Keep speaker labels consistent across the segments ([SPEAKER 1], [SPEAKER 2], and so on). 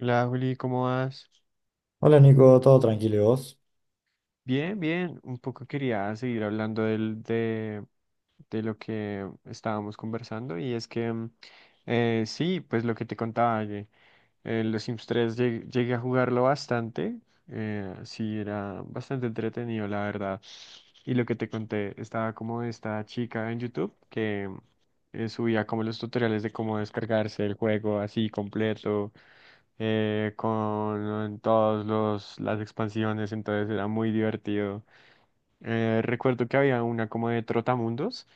[SPEAKER 1] Hola Juli, ¿cómo vas?
[SPEAKER 2] Hola Nico, todo tranquilo, ¿y vos?
[SPEAKER 1] Bien, bien. Un poco quería seguir hablando de lo que estábamos conversando y es que sí, pues lo que te contaba, que los Sims 3 llegué a jugarlo bastante. Sí, era bastante entretenido, la verdad. Y lo que te conté, estaba como esta chica en YouTube que subía como los tutoriales de cómo descargarse el juego así completo, con todos las expansiones, entonces era muy divertido. Recuerdo que había una como de Trotamundos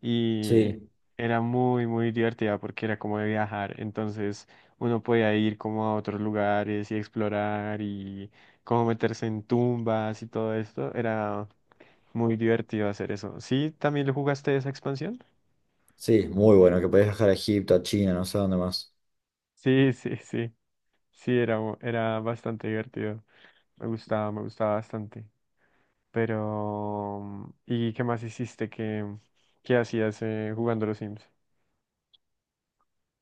[SPEAKER 1] y
[SPEAKER 2] Sí,
[SPEAKER 1] era muy, muy divertida porque era como de viajar, entonces uno podía ir como a otros lugares y explorar y como meterse en tumbas y todo esto, era muy divertido hacer eso. ¿Sí? ¿También lo jugaste esa expansión?
[SPEAKER 2] sí, muy bueno, que podés viajar a Egipto, a China, no sé dónde más.
[SPEAKER 1] Sí, sí, sí, sí, era, era bastante divertido, me gustaba bastante. Pero, ¿y qué más hiciste? ¿Qué hacías, jugando los Sims?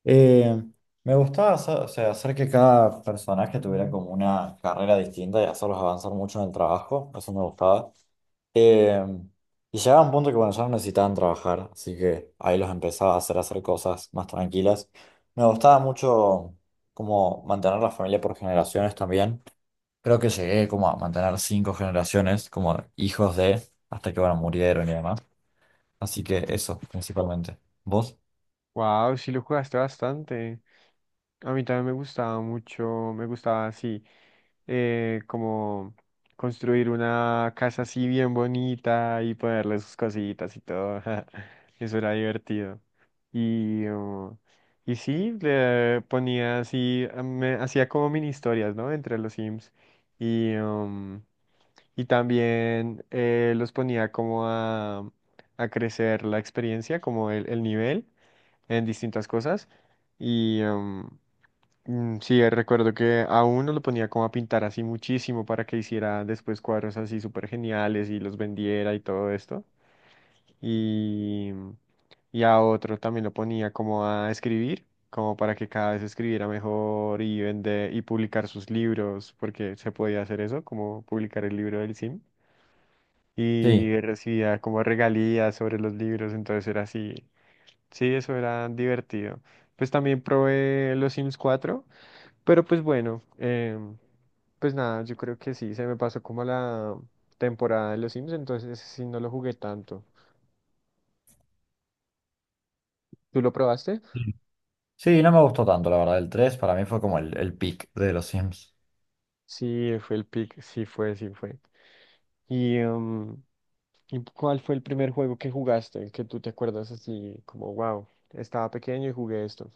[SPEAKER 2] Eh, Me gustaba hacer, o sea, hacer que cada personaje tuviera como una carrera distinta y hacerlos avanzar mucho en el trabajo, eso me gustaba. Eh, y llegaba un punto que bueno, ya no necesitaban trabajar, así que ahí los empezaba a hacer cosas más tranquilas. Me gustaba mucho como mantener la familia por generaciones también. Creo que llegué como a mantener cinco generaciones, como hijos de, hasta que bueno, murieron y demás. Así que eso, principalmente. ¿Vos?
[SPEAKER 1] Wow, sí lo jugaste bastante. A mí también me gustaba mucho, me gustaba así. Como construir una casa así bien bonita y ponerle sus cositas y todo. Eso era divertido. Y, uh, y sí, le ponía así, ah, me hacía como mini historias, ¿no? Entre los Sims. Y, um, y también los ponía como a crecer la experiencia, como el nivel en distintas cosas. Y, um, Sí, recuerdo que a uno lo ponía como a pintar así muchísimo para que hiciera después cuadros así súper geniales y los vendiera y todo esto. Y, y a otro también lo ponía como a escribir, como para que cada vez escribiera mejor y vender y publicar sus libros, porque se podía hacer eso, como publicar el libro del Sim
[SPEAKER 2] Sí.
[SPEAKER 1] y recibía como regalías sobre los libros, entonces era así, sí, eso era divertido. Pues también probé los Sims cuatro, pero pues bueno, pues nada, yo creo que sí, se me pasó como la temporada de los Sims, entonces sí no lo jugué tanto. ¿Tú lo probaste?
[SPEAKER 2] Sí, sí, no me gustó tanto, la verdad. El 3 para mí fue como el peak de los Sims.
[SPEAKER 1] Sí, fue el pick, sí fue, sí fue. ¿Y, y cuál fue el primer juego que jugaste, que tú te acuerdas así como, wow, estaba pequeño y jugué esto?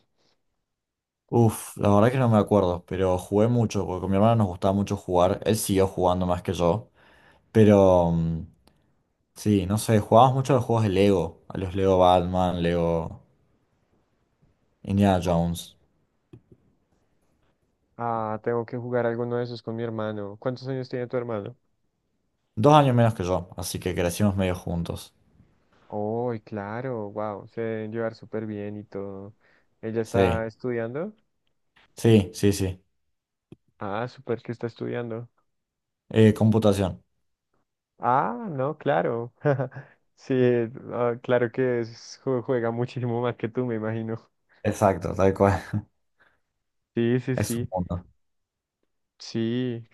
[SPEAKER 2] Uf, la verdad que no me acuerdo, pero jugué mucho, porque con mi hermano nos gustaba mucho jugar. Él siguió jugando más que yo. Pero sí, no sé, jugábamos mucho a los juegos de Lego, a los Lego Batman, Lego Indiana Jones.
[SPEAKER 1] Ah, tengo que jugar alguno de esos con mi hermano. ¿Cuántos años tiene tu hermano?
[SPEAKER 2] 2 años menos que yo, así que crecimos medio juntos.
[SPEAKER 1] Oh, claro, wow, se deben llevar súper bien y todo. ¿Ella
[SPEAKER 2] Sí.
[SPEAKER 1] está estudiando?
[SPEAKER 2] Sí, sí, sí.
[SPEAKER 1] Ah, súper que está estudiando.
[SPEAKER 2] Computación.
[SPEAKER 1] Ah, no, claro. Sí, ah, claro que juega muchísimo más que tú, me imagino.
[SPEAKER 2] Exacto, tal cual.
[SPEAKER 1] Sí, sí,
[SPEAKER 2] Es un
[SPEAKER 1] sí.
[SPEAKER 2] mundo.
[SPEAKER 1] Sí,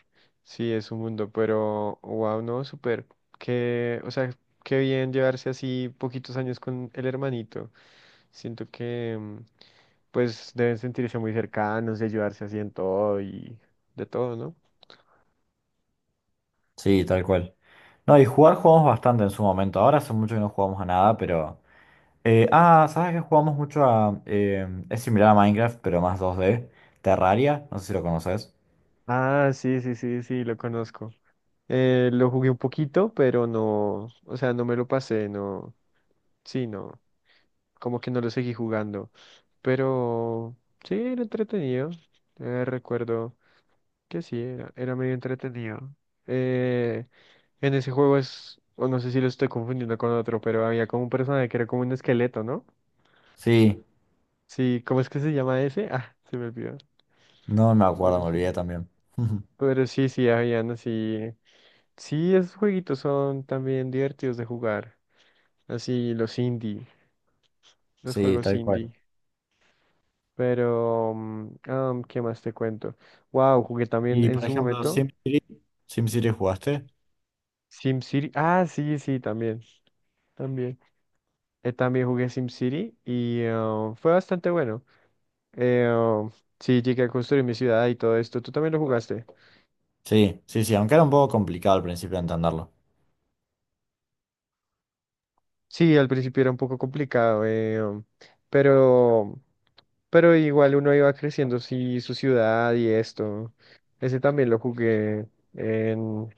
[SPEAKER 1] sí, es un mundo, pero wow, no, súper. Que, o sea, qué bien llevarse así poquitos años con el hermanito. Siento que, mm, pues, deben sentirse muy cercanos y ayudarse así en todo y de todo, ¿no?
[SPEAKER 2] Sí, tal cual. No, y jugar jugamos bastante en su momento. Ahora hace mucho que no jugamos a nada, pero. ¿ ¿sabes que jugamos mucho a. Es similar a Minecraft, pero más 2D Terraria, no sé si lo conoces.
[SPEAKER 1] Ah, sí, sí, sí, sí, lo conozco. Lo jugué un poquito, pero no, o sea, no me lo pasé, no, sí, no, como que no lo seguí jugando, pero sí, era entretenido. Recuerdo. Que sí, era, era medio entretenido. Eh, en ese juego es, o no sé si lo estoy confundiendo con otro, pero había como un personaje que era como un esqueleto, ¿no?
[SPEAKER 2] Sí,
[SPEAKER 1] Sí, ¿cómo es que se llama ese? Ah, se me olvidó.
[SPEAKER 2] no me acuerdo,
[SPEAKER 1] Pero
[SPEAKER 2] me
[SPEAKER 1] sí.
[SPEAKER 2] olvidé también.
[SPEAKER 1] Pero sí, sí, habían así. Sí, esos jueguitos son también divertidos de jugar. Así, los indie, los
[SPEAKER 2] Sí,
[SPEAKER 1] juegos
[SPEAKER 2] tal cual.
[SPEAKER 1] indie. Pero, ¿qué más te cuento? Wow, jugué también
[SPEAKER 2] Y
[SPEAKER 1] en
[SPEAKER 2] por
[SPEAKER 1] su
[SPEAKER 2] ejemplo,
[SPEAKER 1] momento.
[SPEAKER 2] SimCity. ¿SimCity jugaste?
[SPEAKER 1] SimCity. Ah, sí, sí, también. También. También jugué SimCity y, fue bastante bueno. Eh, um, sí, llegué a construir mi ciudad y todo esto. ¿Tú también lo jugaste?
[SPEAKER 2] Sí, sí, sí, aunque era un poco complicado al principio entenderlo.
[SPEAKER 1] Sí, al principio era un poco complicado, pero, pero igual uno iba creciendo, sí, su ciudad y esto. Ese también lo jugué en,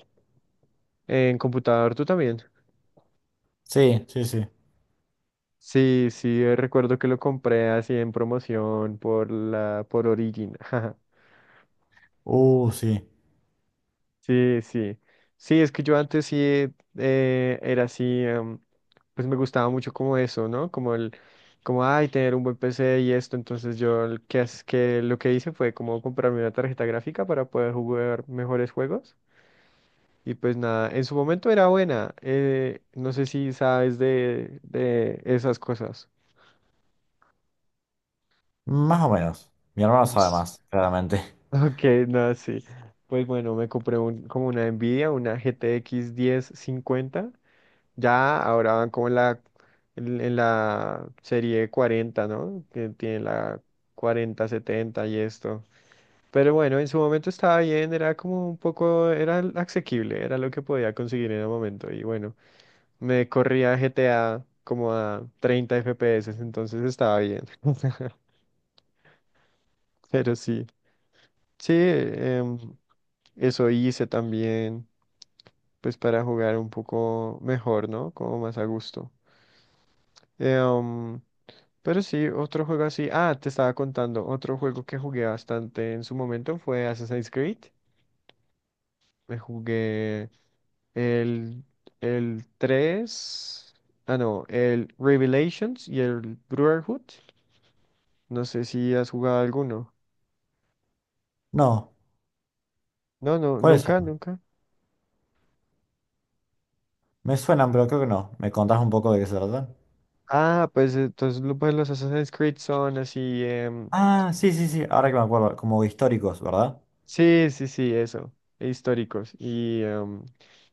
[SPEAKER 1] en computador, ¿tú también?
[SPEAKER 2] Sí, sí, sí.
[SPEAKER 1] Sí, sí, recuerdo que lo compré así en promoción por la, por Origin.
[SPEAKER 2] Sí.
[SPEAKER 1] Sí, sí. Sí, es que yo antes sí, era así, pues me gustaba mucho como eso, ¿no? Como, ay, tener un buen PC y esto. Entonces yo el que, que lo que hice fue como comprarme una tarjeta gráfica para poder jugar mejores juegos. Y pues nada, en su momento era buena. No sé si sabes de esas cosas.
[SPEAKER 2] Más o menos. Mi hermano sabe
[SPEAKER 1] Ups.
[SPEAKER 2] más, claramente.
[SPEAKER 1] Ok, no, sí. Pues bueno, me compré un, como una Nvidia, una GTX 1050. Ya ahora van como en la, en la serie cuarenta, ¿no? Que tiene la 4070 y esto. Pero bueno, en su momento estaba bien, era como un poco, era asequible, era lo que podía conseguir en el momento. Y bueno, me corría GTA como a 30 FPS, entonces estaba bien. Pero sí, sí, eso hice también, pues para jugar un poco mejor, ¿no? Como más a gusto. Em, Pero sí, otro juego así. Ah, te estaba contando. Otro juego que jugué bastante en su momento fue Assassin's Creed. Me jugué el, el 3. Ah, no, el Revelations y el Brotherhood. No sé si has jugado alguno.
[SPEAKER 2] No.
[SPEAKER 1] No, no,
[SPEAKER 2] ¿Cuáles
[SPEAKER 1] nunca,
[SPEAKER 2] son?
[SPEAKER 1] nunca.
[SPEAKER 2] Me suenan, pero creo que no. ¿Me contás un poco de qué se tratan?
[SPEAKER 1] Ah, pues entonces pues, los Assassin's Creed son así.
[SPEAKER 2] Ah, sí, sí, sí. Ahora que me acuerdo. Como históricos, ¿verdad?
[SPEAKER 1] Sí, sí, sí, eso, e históricos. Y,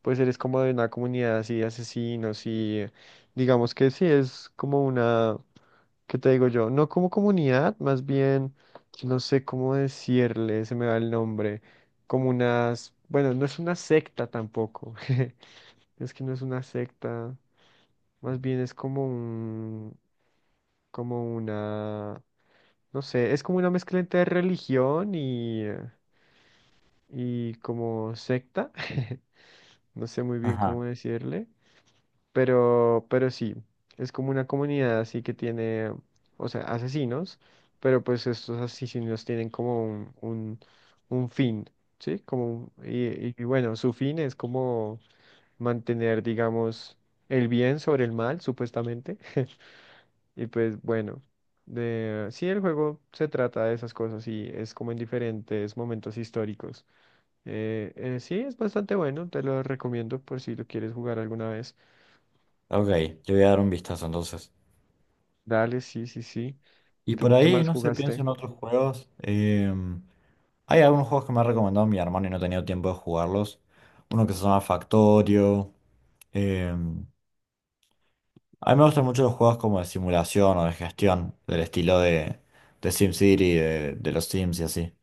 [SPEAKER 1] pues eres como de una comunidad así de asesinos y, digamos que sí, es como una, ¿qué te digo yo? No como comunidad, más bien, no sé cómo decirle, se me va el nombre, como unas, bueno, no es una secta tampoco, es que no es una secta, más bien es como un, como una, no sé, es como una mezcla entre religión y como secta. No sé muy bien cómo
[SPEAKER 2] Ajá.
[SPEAKER 1] decirle, pero sí, es como una comunidad así que tiene, o sea, asesinos, pero pues estos asesinos tienen como un fin, ¿sí? Como, y bueno, su fin es como mantener, digamos, el bien sobre el mal, supuestamente, y pues bueno. De, sí, el juego se trata de esas cosas y es como en diferentes momentos históricos. Sí, es bastante bueno, te lo recomiendo por si lo quieres jugar alguna vez.
[SPEAKER 2] Ok, yo voy a dar un vistazo entonces.
[SPEAKER 1] Dale, sí, sí, sí.
[SPEAKER 2] Y por
[SPEAKER 1] ¿Tú qué
[SPEAKER 2] ahí,
[SPEAKER 1] más
[SPEAKER 2] no sé, pienso
[SPEAKER 1] jugaste?
[SPEAKER 2] en otros juegos. Hay algunos juegos que me ha recomendado mi hermano y no he tenido tiempo de jugarlos. Uno que se llama Factorio. Em, a mí me gustan mucho los juegos como de simulación o de gestión, del estilo de SimCity, de los Sims y así.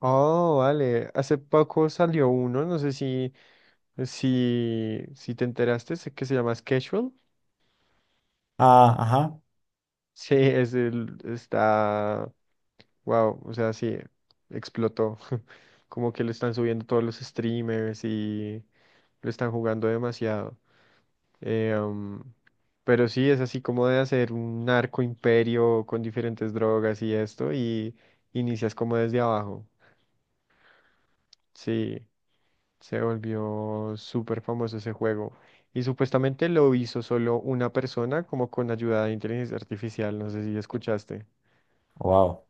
[SPEAKER 1] Oh, vale. Hace poco salió uno, no sé si te enteraste, sé que se llama Schedule.
[SPEAKER 2] Ah, ajá.
[SPEAKER 1] Sí, es el, está, wow, o sea, sí, explotó. Como que lo están subiendo todos los streamers y lo están jugando demasiado. Eh, am, pero sí, es así como de hacer un narco imperio con diferentes drogas y esto, y inicias como desde abajo. Sí, se volvió súper famoso ese juego. Y supuestamente lo hizo solo una persona, como con ayuda de inteligencia artificial, no sé si escuchaste.
[SPEAKER 2] Wow.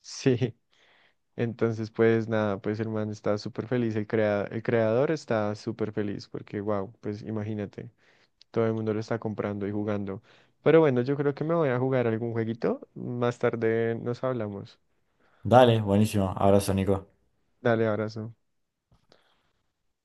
[SPEAKER 1] Sí, entonces, pues nada, pues el man está súper feliz, el creador está súper feliz porque, wow, pues imagínate, todo el mundo lo está comprando y jugando. Pero bueno, yo creo que me voy a jugar algún jueguito. Más tarde nos hablamos.
[SPEAKER 2] Dale, buenísimo. Abrazo, Nico.
[SPEAKER 1] Dale, abrazo.